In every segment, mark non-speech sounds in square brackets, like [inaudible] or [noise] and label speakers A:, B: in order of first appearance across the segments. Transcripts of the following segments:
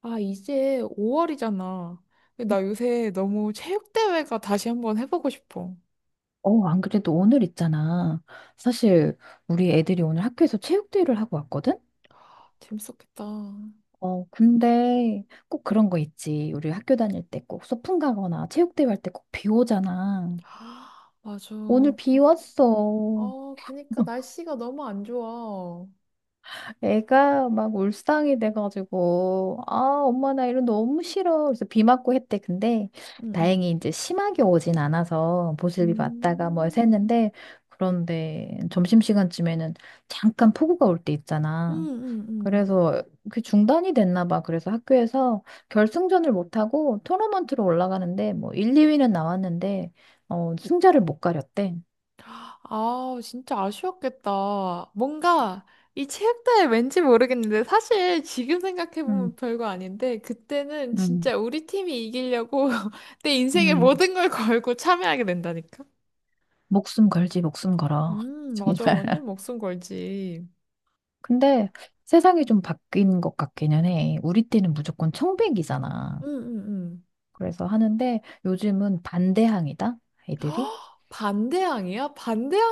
A: 아, 이제 5월이잖아. 나 요새 너무 체육대회가 다시 한번 해보고 싶어.
B: 안 그래도 오늘 있잖아. 사실 우리 애들이 오늘 학교에서 체육대회를 하고 왔거든?
A: 재밌었겠다. [gasps]
B: 근데 꼭 그런 거 있지. 우리 학교 다닐 때 꼭 소풍 가거나 체육대회 할 때 꼭 비 오잖아.
A: 아, 맞아.
B: 오늘 비 왔어.
A: 어, 그니까 날씨가 너무 안 좋아.
B: 애가 막 울상이 돼가지고, 아, 엄마 나 이런 너무 싫어. 그래서 비 맞고 했대. 근데
A: 응, 응.
B: 다행히 이제 심하게 오진 않아서 보슬비 맞다가 뭐 해서
A: 음,
B: 했는데, 그런데 점심시간쯤에는 잠깐 폭우가 올 때
A: 응,
B: 있잖아.
A: 응, 응.
B: 그래서 그 중단이 됐나 봐. 그래서 학교에서 결승전을 못하고 토너먼트로 올라가는데 뭐 1, 2위는 나왔는데 승자를 못 가렸대.
A: 아, 진짜 아쉬웠겠다. 뭔가 이 체육대회 왠지 모르겠는데 사실 지금
B: 음,
A: 생각해보면 별거 아닌데 그때는
B: 음,
A: 진짜 우리 팀이 이기려고 [laughs] 내 인생의
B: 음.
A: 모든 걸 걸고 참여하게 된다니까.
B: 목숨 걸지, 목숨 걸어. [laughs]
A: 맞아.
B: 정말.
A: 완전 목숨 걸지.
B: 근데 세상이 좀 바뀐 것 같기는 해. 우리 때는 무조건 청백이잖아.
A: 응응 응. [gasps]
B: 그래서 하는데 요즘은 반대항이다, 애들이.
A: 반대항이야?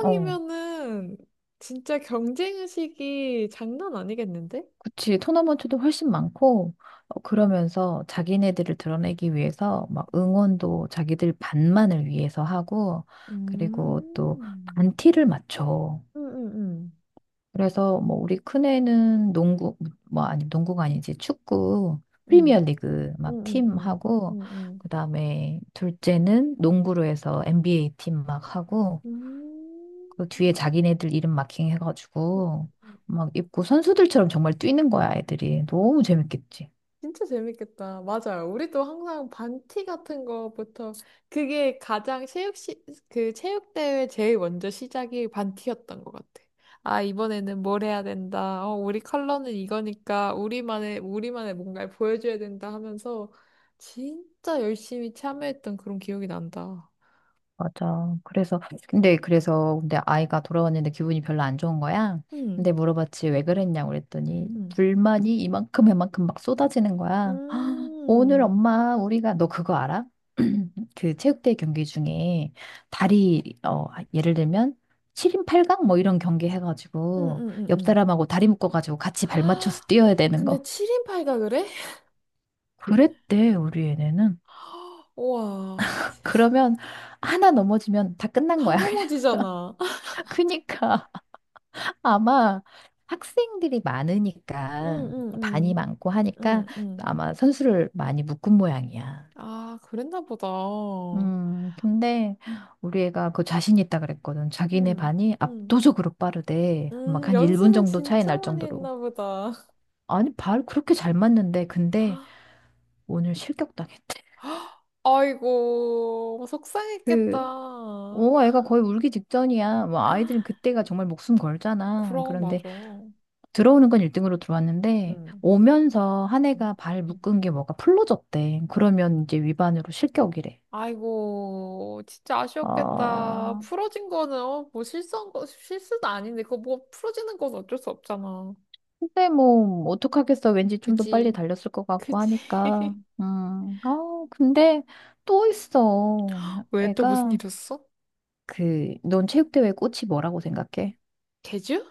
B: 어.
A: 진짜 경쟁의식이 장난 아니겠는데?
B: 그치, 토너먼트도 훨씬 많고, 그러면서 자기네들을 드러내기 위해서 막
A: 음.
B: 응원도 자기들 반만을 위해서 하고, 그리고 또
A: 음,
B: 반티를 맞춰.
A: 음, 음,
B: 그래서 뭐 우리 큰애는 농구, 뭐 아니, 농구가 아니지, 축구, 프리미어
A: 음,
B: 리그
A: 음,
B: 막
A: 음, 음,
B: 팀하고,
A: 음, 음, 음.
B: 그 다음에 둘째는 농구로 해서 NBA 팀 막 하고,
A: 음.
B: 그 뒤에 자기네들 이름 마킹
A: 음,
B: 해가지고,
A: 음, 음,
B: 막 입고 선수들처럼 정말 뛰는 거야, 애들이. 너무 재밌겠지.
A: 진짜 재밌겠다. 맞아요. 우리도 항상 반티 같은 거부터 그게 가장 그 체육대회 제일 먼저 시작이 반티였던 것 같아. 아, 이번에는 뭘 해야 된다. 어, 우리 컬러는 이거니까 우리만의 뭔가를 보여줘야 된다 하면서 진짜 열심히 참여했던 그런 기억이 난다.
B: 맞아. 근데 아이가 돌아왔는데 기분이 별로 안 좋은 거야. 근데
A: 음.
B: 물어봤지, 왜 그랬냐고 그랬더니,
A: 음.
B: 불만이 이만큼, 이만큼 막 쏟아지는 거야. 오늘
A: 음.
B: 엄마, 우리가, 너 그거 알아? [clears throat] 그 체육대회 경기 중에 다리, 예를 들면, 7인 8강? 뭐 이런 경기
A: 음.
B: 해가지고,
A: 음.
B: 옆
A: 음.
B: 사람하고 다리 묶어가지고 같이 발 맞춰서
A: 아,
B: 뛰어야
A: [gasps]
B: 되는
A: 근데
B: 거.
A: 7인 8가 그래?
B: 그랬대, 우리 애네는.
A: 우와.
B: 그러면, 하나 넘어지면 다 끝난
A: 다
B: 거야. [laughs]
A: 넘어지잖아.
B: 그니까. 아마 학생들이 많으니까
A: 응, 응,
B: 반이
A: 응,
B: 많고 하니까
A: 응, 응.
B: 아마 선수를 많이 묶은 모양이야.
A: 아, 그랬나 보다.
B: 근데 우리 애가 그 자신 있다 그랬거든. 자기네
A: 응,
B: 반이
A: 응.
B: 압도적으로 빠르대. 막 한 1분
A: 연습을
B: 정도 차이
A: 진짜
B: 날
A: 많이
B: 정도로.
A: 했나 보다. [gasps]
B: 아니, 발 그렇게 잘 맞는데 근데
A: [laughs]
B: 오늘 실격당했대.
A: 아이고,
B: 그,
A: 속상했겠다.
B: 애가 거의 울기 직전이야. 뭐 아이들은 그때가 정말 목숨 걸잖아.
A: 그럼,
B: 그런데
A: 맞아. 응,
B: 들어오는 건 1등으로 들어왔는데 오면서 한
A: 응,
B: 애가 발
A: 응.
B: 묶은 게 뭐가 풀러졌대. 그러면 이제 위반으로 실격이래.
A: 아이고, 진짜 아쉬웠겠다.
B: 아,
A: 풀어진 거는, 어, 뭐 실수한 거, 실수도 아닌데, 그거 뭐 풀어지는 건 어쩔 수 없잖아.
B: 근데 뭐 어떡하겠어. 왠지 좀 더 빨리
A: 그지,
B: 달렸을 것 같고
A: 그지.
B: 하니까.
A: [laughs]
B: 음. 아, 근데 또 있어.
A: 왜 또 무슨
B: 애가
A: 일이었어?
B: 그 넌 체육대회 꽃이 뭐라고 생각해?
A: 제주?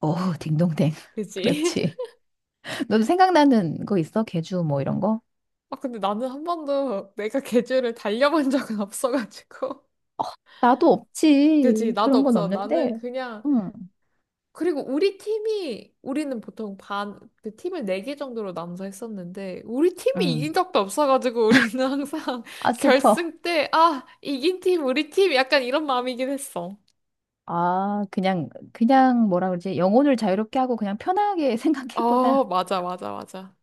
B: 어, 딩동댕. [laughs]
A: 그지?
B: 그렇지. 너도 생각나는 거 있어? 개주 뭐 이런 거?
A: 아, 근데 나는 한 번도 내가 [laughs] 계절을 달려본 적은 [laughs] 없어가지고.
B: 나도
A: 그지,
B: 없지.
A: 나도
B: 그런 건
A: 없어. 나는
B: 없는데.
A: 그냥,
B: 응.
A: 그리고 우리 팀이, 우리는 보통 반, 그 팀을 네 개 정도로 나눠서 했었는데, 우리 팀이
B: 응.
A: 이긴 적도 없어가지고, 우리는 항상 [laughs]
B: 아, 슬퍼.
A: 결승 때, 아, 이긴 팀, 우리 팀, 약간 이런 마음이긴 했어.
B: 아, 그냥 뭐라 그러지? 영혼을 자유롭게 하고 그냥 편하게 [laughs]
A: 어,
B: 생각했구나.
A: 맞아, 맞아, 맞아.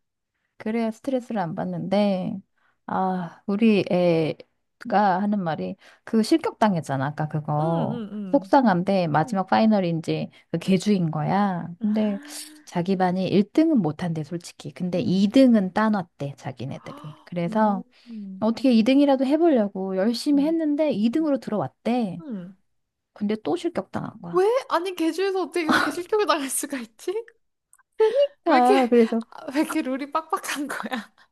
B: 그래야 스트레스를 안 받는데, 아, 우리 애가 하는 말이 그 실격당했잖아, 아까
A: 응, 응,
B: 그거.
A: 응.
B: 속상한데
A: 응.
B: 마지막 파이널인지 그 개주인 거야.
A: 응.
B: 근데
A: 아,
B: 자기 반이 1등은 못한대, 솔직히. 근데
A: 응.
B: 2등은 따놨대, 자기네들이.
A: [gasps] 음.
B: 그래서
A: 음.
B: 어떻게 2등이라도 해보려고 열심히 했는데
A: 음.
B: 2등으로 들어왔대.
A: 음.
B: 근데 또 실격당한
A: 왜?
B: 거야.
A: 아니, 개주에서 어떻게 그렇게 실격을 당할 수가 있지? 왜 이렇게,
B: 그러니까 그래서
A: 아, 왜 이렇게 룰이 빡빡한 거야? [laughs]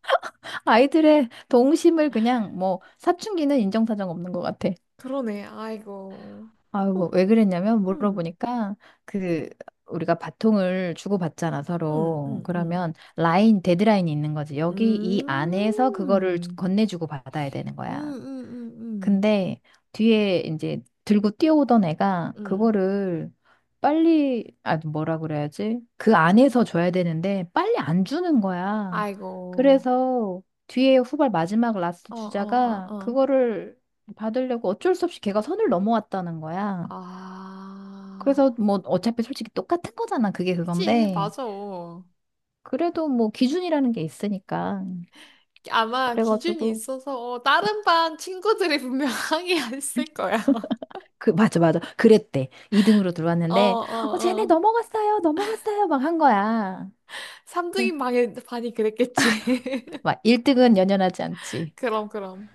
B: 아이들의 동심을 그냥 뭐 사춘기는 인정사정 없는 것 같아.
A: 그러네, 아이고.
B: 아유,
A: 어,
B: 뭐왜 그랬냐면
A: 음,
B: 물어보니까 그 우리가 바통을 주고받잖아,
A: 음,
B: 서로.
A: 음, 음.
B: 그러면 라인, 데드라인이 있는 거지. 여기 이 안에서 그거를
A: 음,
B: 건네주고 받아야 되는
A: 음,
B: 거야.
A: 음, 음,
B: 근데 뒤에 이제 들고 뛰어오던 애가
A: 음.
B: 그거를 빨리, 아, 뭐라 그래야지? 그 안에서 줘야 되는데 빨리 안 주는 거야.
A: 아이고.
B: 그래서 뒤에 후발 마지막 라스트
A: 어, 어,
B: 주자가
A: 어, 어.
B: 그거를 받으려고 어쩔 수 없이 걔가 선을 넘어왔다는 거야.
A: 아.
B: 그래서 뭐 어차피 솔직히 똑같은 거잖아. 그게
A: 그치,
B: 그건데.
A: 맞아.
B: 그래도 뭐 기준이라는 게 있으니까.
A: 아마 기준이
B: 그래가지고.
A: 있어서, 어, 다른 반 친구들이 분명 항의했을 거야. [laughs]
B: 맞아, 맞아. 그랬대. 2등으로
A: 어,
B: 들어왔는데,
A: 어,
B: 쟤네
A: 어.
B: 넘어갔어요, 넘어갔어요, 막 한 거야. 그,
A: 3등인 반이 그랬겠지. [laughs]
B: 막 1등은 연연하지 않지.
A: 그럼, 그럼.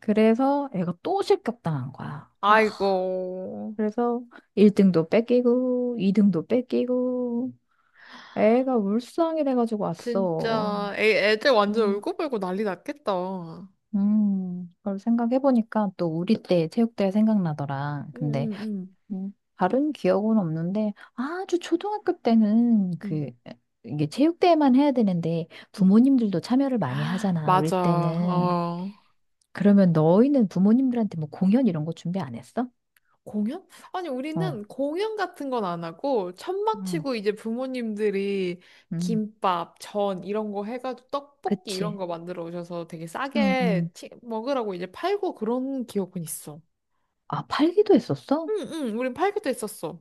B: 그래서 애가 또 실격당한 거야. 아,
A: 아이고.
B: 그래서 1등도 뺏기고, 2등도 뺏기고, 애가 울상이 돼가지고 왔어.
A: 진짜, 애들 완전
B: 음,
A: 울고불고 난리 났겠다. 응,
B: 그걸 생각해보니까 또 우리 때 체육대회 생각나더라.
A: 응,
B: 근데
A: 응.
B: 음, 다른 기억은 없는데 아주 초등학교 때는
A: 응,
B: 그 이게 체육대회만 해야 되는데
A: 응.
B: 부모님들도 참여를 많이
A: [gasps]
B: 하잖아. 우리
A: 맞아.
B: 때는
A: 어.
B: 그러면 너희는 부모님들한테 뭐 공연 이런 거 준비 안 했어?
A: 공연? 아니,
B: 어,
A: 우리는 공연 같은 건 안 하고, 천막
B: 음.
A: 치고 이제 부모님들이
B: 음,
A: 김밥, 전 이런 거 해가지고 떡볶이 이런
B: 그치.
A: 거 만들어 오셔서 되게
B: 음, 음.
A: 싸게 먹으라고 이제 팔고 그런 기억은 있어.
B: 아, 팔기도 했었어?
A: 응, 응, 우린 팔기도 했었어.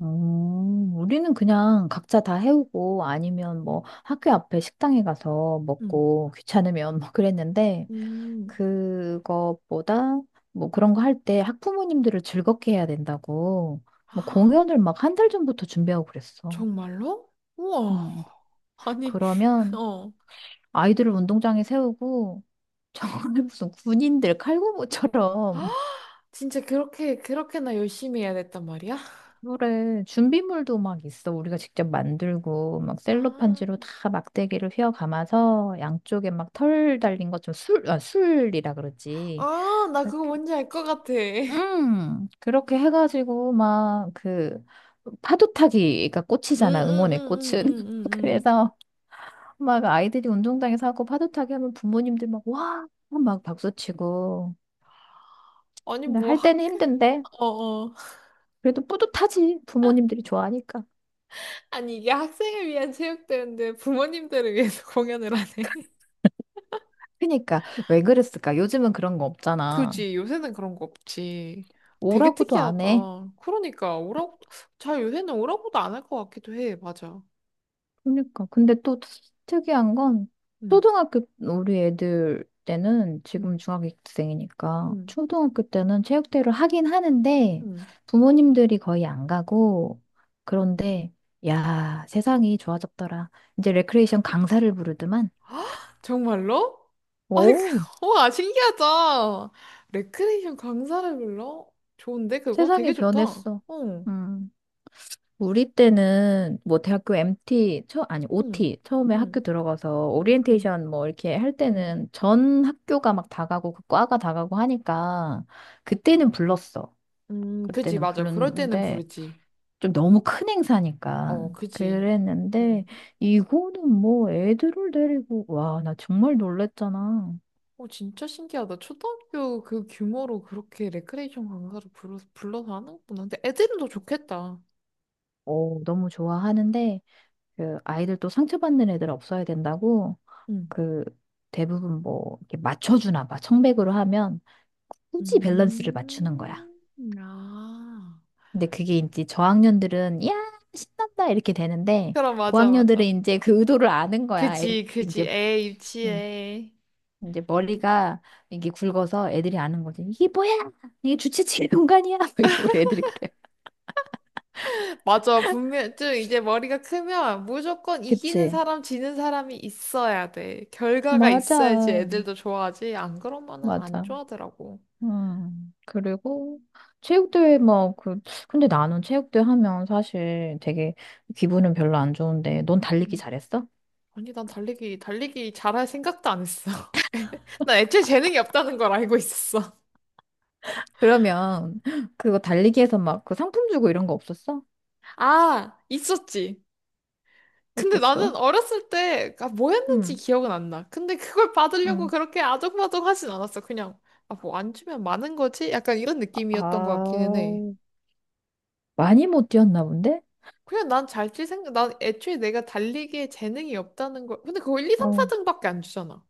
B: 우리는 그냥 각자 다 해오고 아니면 뭐 학교 앞에 식당에 가서
A: 응.
B: 먹고 귀찮으면 [laughs] 뭐 그랬는데
A: 음.
B: 그것보다 뭐 그런 거 할 때 학부모님들을 즐겁게 해야 된다고 뭐
A: 아,
B: 공연을 막 한 달 전부터 준비하고 그랬어.
A: 정말로? 우와.
B: 음.
A: 아니, [laughs]
B: 그러면
A: 어.
B: 아이들을 운동장에 세우고 정말 [laughs] 무슨 군인들 칼군무처럼
A: 진짜 그렇게나 열심히 해야 됐단 말이야?
B: 그래 준비물도 막 있어. 우리가 직접 만들고 막
A: 아,
B: 셀로판지로 다 막대기를 휘어 감아서 양쪽에 막 털 달린 것처럼 술, 아, 술이라 그러지.
A: 아, 나 그거 뭔지 알 것 같아. 응,
B: 그렇게 해가지고, 막, 그, 파도타기가
A: 응,
B: 꽃이잖아,
A: 응,
B: 응원의
A: 응, 응,
B: 꽃은. [laughs]
A: 응. 응.
B: 그래서, 막, 아이들이 운동장에서 하고 파도타기 하면 부모님들 막, 와! 막 박수치고.
A: 아니,
B: 근데
A: 뭐,
B: 할
A: 학,
B: 때는 힘든데,
A: 어, 어.
B: 그래도 뿌듯하지. 부모님들이 좋아하니까.
A: 아니, 이게 학생을 위한 체육대회인데 부모님들을 위해서 [laughs] 공연을 하네.
B: 그니까, 왜 그랬을까? 요즘은 그런 거 없잖아.
A: 그지, 요새는 그런 거 없지. 되게
B: 오라고도 안 해.
A: 특이하다. 그러니까, 오라고, 잘 요새는 오라고도 안 할 것 같기도 해. 맞아.
B: 그러니까. 근데 또 특이한 건
A: 응,
B: 초등학교 우리 애들 때는 지금
A: 응,
B: 중학생이니까
A: 응.
B: 초등학교 때는 체육대회를 하긴 하는데
A: 음.
B: 부모님들이 거의 안 가고 그런데 야, 세상이 좋아졌더라. 이제 레크레이션 강사를 부르더만.
A: [gasps] 정말로? 아니,
B: 오,
A: [laughs] 와, 신기하다. 레크레이션 강사를 불러? 좋은데, 그거?
B: 세상이
A: 되게 좋다. 어,
B: 변했어.
A: 응,
B: 음. 우리 때는 뭐 대학교 MT 처 아니
A: 응,
B: OT 처음에 학교
A: 응,
B: 들어가서
A: 응, 응,
B: 오리엔테이션 뭐 이렇게 할
A: 응.
B: 때는 전 학교가 막 다 가고 그 과가 다 가고 하니까 그때는 불렀어.
A: 그지,
B: 그때는
A: 맞아. 그럴 때는
B: 불렀는데
A: 부르지.
B: 좀 너무 큰 행사니까
A: 어, 그지.
B: 그랬는데
A: 응.
B: 이거는 뭐 애들을 데리고 와, 나 정말 놀랬잖아.
A: 어, 진짜 신기하다. 초등학교 그 규모로 그렇게 레크레이션 강사를 불러서 하는구나. 근데 애들은 더 좋겠다.
B: 너무 좋아하는데 그 아이들 또 상처받는 애들 없어야 된다고
A: 응.
B: 그 대부분 뭐 이렇게 맞춰주나 봐. 청백으로 하면 굳이 밸런스를 맞추는 거야.
A: 음, 아.
B: 근데 그게 이제 저학년들은 야 신난다 이렇게 되는데
A: 그럼, 맞아,
B: 고학년들은
A: 맞아.
B: 이제 그 의도를 아는 거야. 애,
A: 그지, 그지. 애
B: 음,
A: 유치해.
B: 이제 머리가 이게 굵어서 애들이 아는 거지. 이게 뭐야? 이게 주체치 공간이야? [laughs] 이게 우리 애들이 그래.
A: 맞아. 분명, 좀 이제 머리가 크면 무조건 이기는
B: 그치?
A: 사람, 지는 사람이 있어야 돼. 결과가
B: 맞아.
A: 있어야지 애들도 좋아하지. 안 그러면은 안
B: 맞아.
A: 좋아하더라고.
B: 음. 그리고 체육대회 근데 나는 체육대회 하면 사실 되게 기분은 별로 안 좋은데 넌 달리기
A: 음.
B: 잘했어?
A: 아니, 달리기 잘할 생각도 안 했어. [laughs] 난 애초에 재능이 없다는 걸 알고 있었어.
B: 그러면 그거 달리기에서 막 그 상품 주고 이런 거 없었어?
A: 아, 있었지. 근데
B: 어땠어?
A: 나는 어렸을 때, 아, 뭐였는지
B: 응,
A: 기억은 안 나. 근데 그걸 받으려고
B: 응.
A: 그렇게 아등바등 하진 않았어. 그냥, 아, 뭐 안 주면 많은 거지? 약간 이런 느낌이었던 것
B: 아,
A: 같기는 해.
B: 많이 못 뛰었나 본데?
A: 그냥 난 애초에 내가 달리기에 재능이 없다는 걸, 근데 그거 1, 2, 3,
B: 어,
A: 4등밖에 안 주잖아.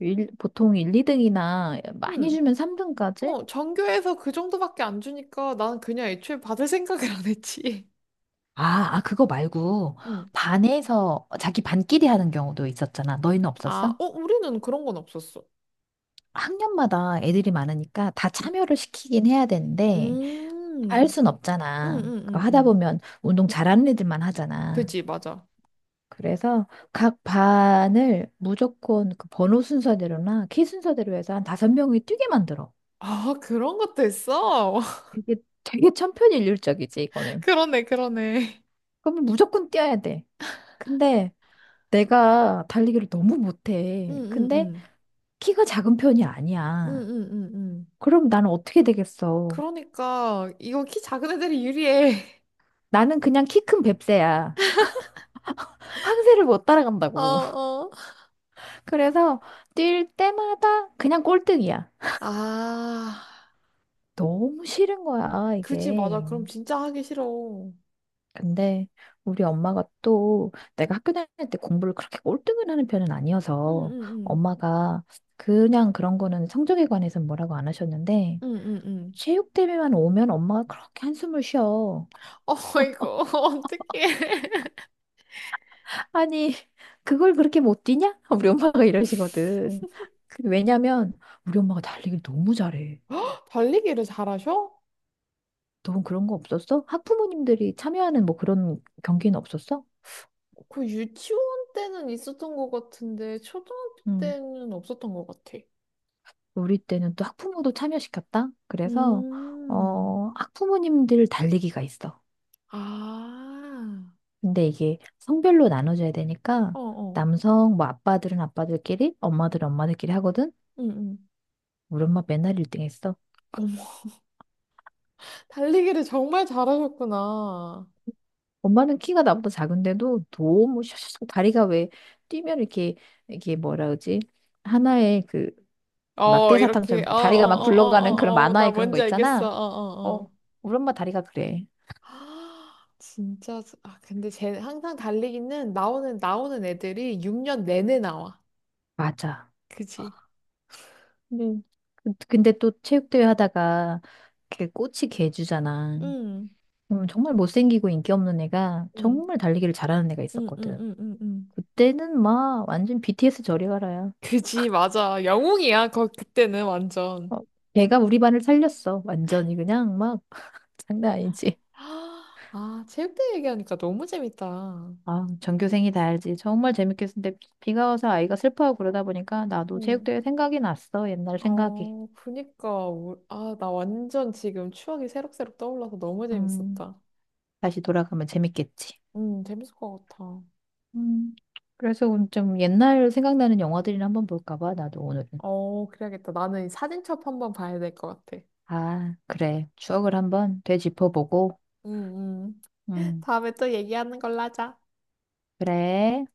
B: 보통 1, 2등이나 많이
A: 음.
B: 주면 3등까지?
A: 어, 전교에서 그 정도밖에 안 주니까 나는 그냥 애초에 받을 생각을 안 했지. [laughs]
B: 아, 그거 말고
A: 음.
B: 반에서 자기 반끼리 하는 경우도 있었잖아. 너희는
A: 아,
B: 없었어?
A: 어, 우리는 그런 건 없었어.
B: 학년마다 애들이 많으니까 다 참여를 시키긴 해야 되는데 다 할
A: 음.
B: 순
A: 음,
B: 없잖아.
A: 음,
B: 그거
A: 음,
B: 하다
A: 음.
B: 보면 운동 잘하는 애들만 하잖아.
A: 그지, 맞아.
B: 그래서 각 반을 무조건 그 번호 순서대로나 키 순서대로 해서 한 다섯 명이 뛰게 만들어.
A: 아, 그런 것도 있어?
B: 되게 되게 천편일률적이지 이거는.
A: 그러네, 그러네.
B: 그러면 무조건 뛰어야 돼. 근데 내가 달리기를 너무
A: 응,
B: 못해.
A: 응,
B: 근데
A: 응.
B: 키가 작은 편이
A: 응,
B: 아니야.
A: 응, 응, 응.
B: 그럼 나는 어떻게 되겠어?
A: 그러니까 이거 키 작은 애들이 유리해. [laughs]
B: 나는 그냥 키 큰 뱁새야. 황새를 못
A: 어,
B: 따라간다고.
A: 어.
B: [laughs] 그래서 뛸 때마다 그냥 꼴등이야.
A: 아,
B: 너무 싫은 거야,
A: 그지 맞아.
B: 이게.
A: 그럼 진짜 하기 싫어. 응
B: 근데 우리 엄마가 또 내가 학교 다닐 때 공부를 그렇게 꼴등을 하는 편은
A: 응,
B: 아니어서
A: 응,
B: 엄마가 그냥 그런 거는 성적에 관해서는 뭐라고 안 하셨는데
A: 응. 응, 응,
B: 체육 대회만 오면 엄마가 그렇게 한숨을 쉬어.
A: 어 이거 [laughs] 어떡해.
B: 아니, 그걸 그렇게 못 뛰냐? [laughs] 우리 엄마가 이러시거든. 그 왜냐면 우리 엄마가 달리기를 너무 잘해.
A: [laughs] 달리기를 잘하셔?
B: 너는 그런 거 없었어? 학부모님들이 참여하는 뭐 그런 경기는 없었어?
A: 그 유치원 때는 있었던 것 같은데 초등학교 때는 없었던 것 같아.
B: 우리 때는 또 학부모도 참여시켰다? 그래서,
A: 음.
B: 학부모님들 달리기가 있어.
A: 아,
B: 근데 이게 성별로 나눠져야 되니까,
A: 어, 어.
B: 남성, 뭐, 아빠들은 아빠들끼리, 엄마들은 엄마들끼리 하거든?
A: 응,
B: 우리 엄마 맨날 1등 했어.
A: 응. 달리기를 정말 잘하셨구나.
B: 엄마는 키가 나보다 작은데도 너무 샤샤샥 다리가 왜 뛰면 이렇게, 이게 뭐라 그러지? 하나의 그
A: 어,
B: 막대
A: 이렇게,
B: 사탕처럼
A: 어, 어,
B: 다리가 막
A: 어,
B: 굴러가는 그런
A: 어, 어, 어, 나
B: 만화의 그런 거
A: 뭔지 알겠어. 어,
B: 있잖아.
A: 어, 어.
B: 어, 우리 엄마 다리가 그래.
A: [gasps] 아, 진짜, 아, 근데 쟤 항상 나오는 애들이 6년 내내 나와.
B: 맞아.
A: 그지?
B: 네. 근데 또 체육대회 하다가 그 꽃이 개주잖아.
A: 응,
B: 정말 못생기고 인기 없는 애가
A: 응,
B: 정말 달리기를 잘하는 애가
A: 응, 응,
B: 있었거든.
A: 응, 응. 응.
B: 그때는 막 완전 BTS 저리 가라야.
A: 그지, 맞아. 영웅이야, 거, 그때는
B: 어,
A: 완전.
B: 걔가 우리 반을 살렸어. 완전히 그냥 막 [laughs] 장난 아니지.
A: [gasps] 아, 체육대회 얘기하니까 너무 재밌다.
B: 아, 전교생이 다 알지. 정말 재밌겠는데 비가 와서 아이가 슬퍼하고 그러다 보니까 나도
A: 응.
B: 체육대회 생각이 났어. 옛날 생각이.
A: 어, 그니까, 아, 나 완전 지금 추억이 새록새록 떠올라서 너무
B: 음,
A: 재밌었다.
B: 다시 돌아가면 재밌겠지.
A: 재밌을 것 같아.
B: 음, 그래서 좀 옛날 생각나는 영화들이나 한번 볼까 봐, 나도 오늘은.
A: 어, 그래야겠다. 나는 이 사진첩 한번 봐야 될 것 같아.
B: 아, 그래. 추억을 한번 되짚어보고.
A: 음, 음. [laughs]
B: 음,
A: 다음에 또 얘기하는 걸로 하자.
B: 그래.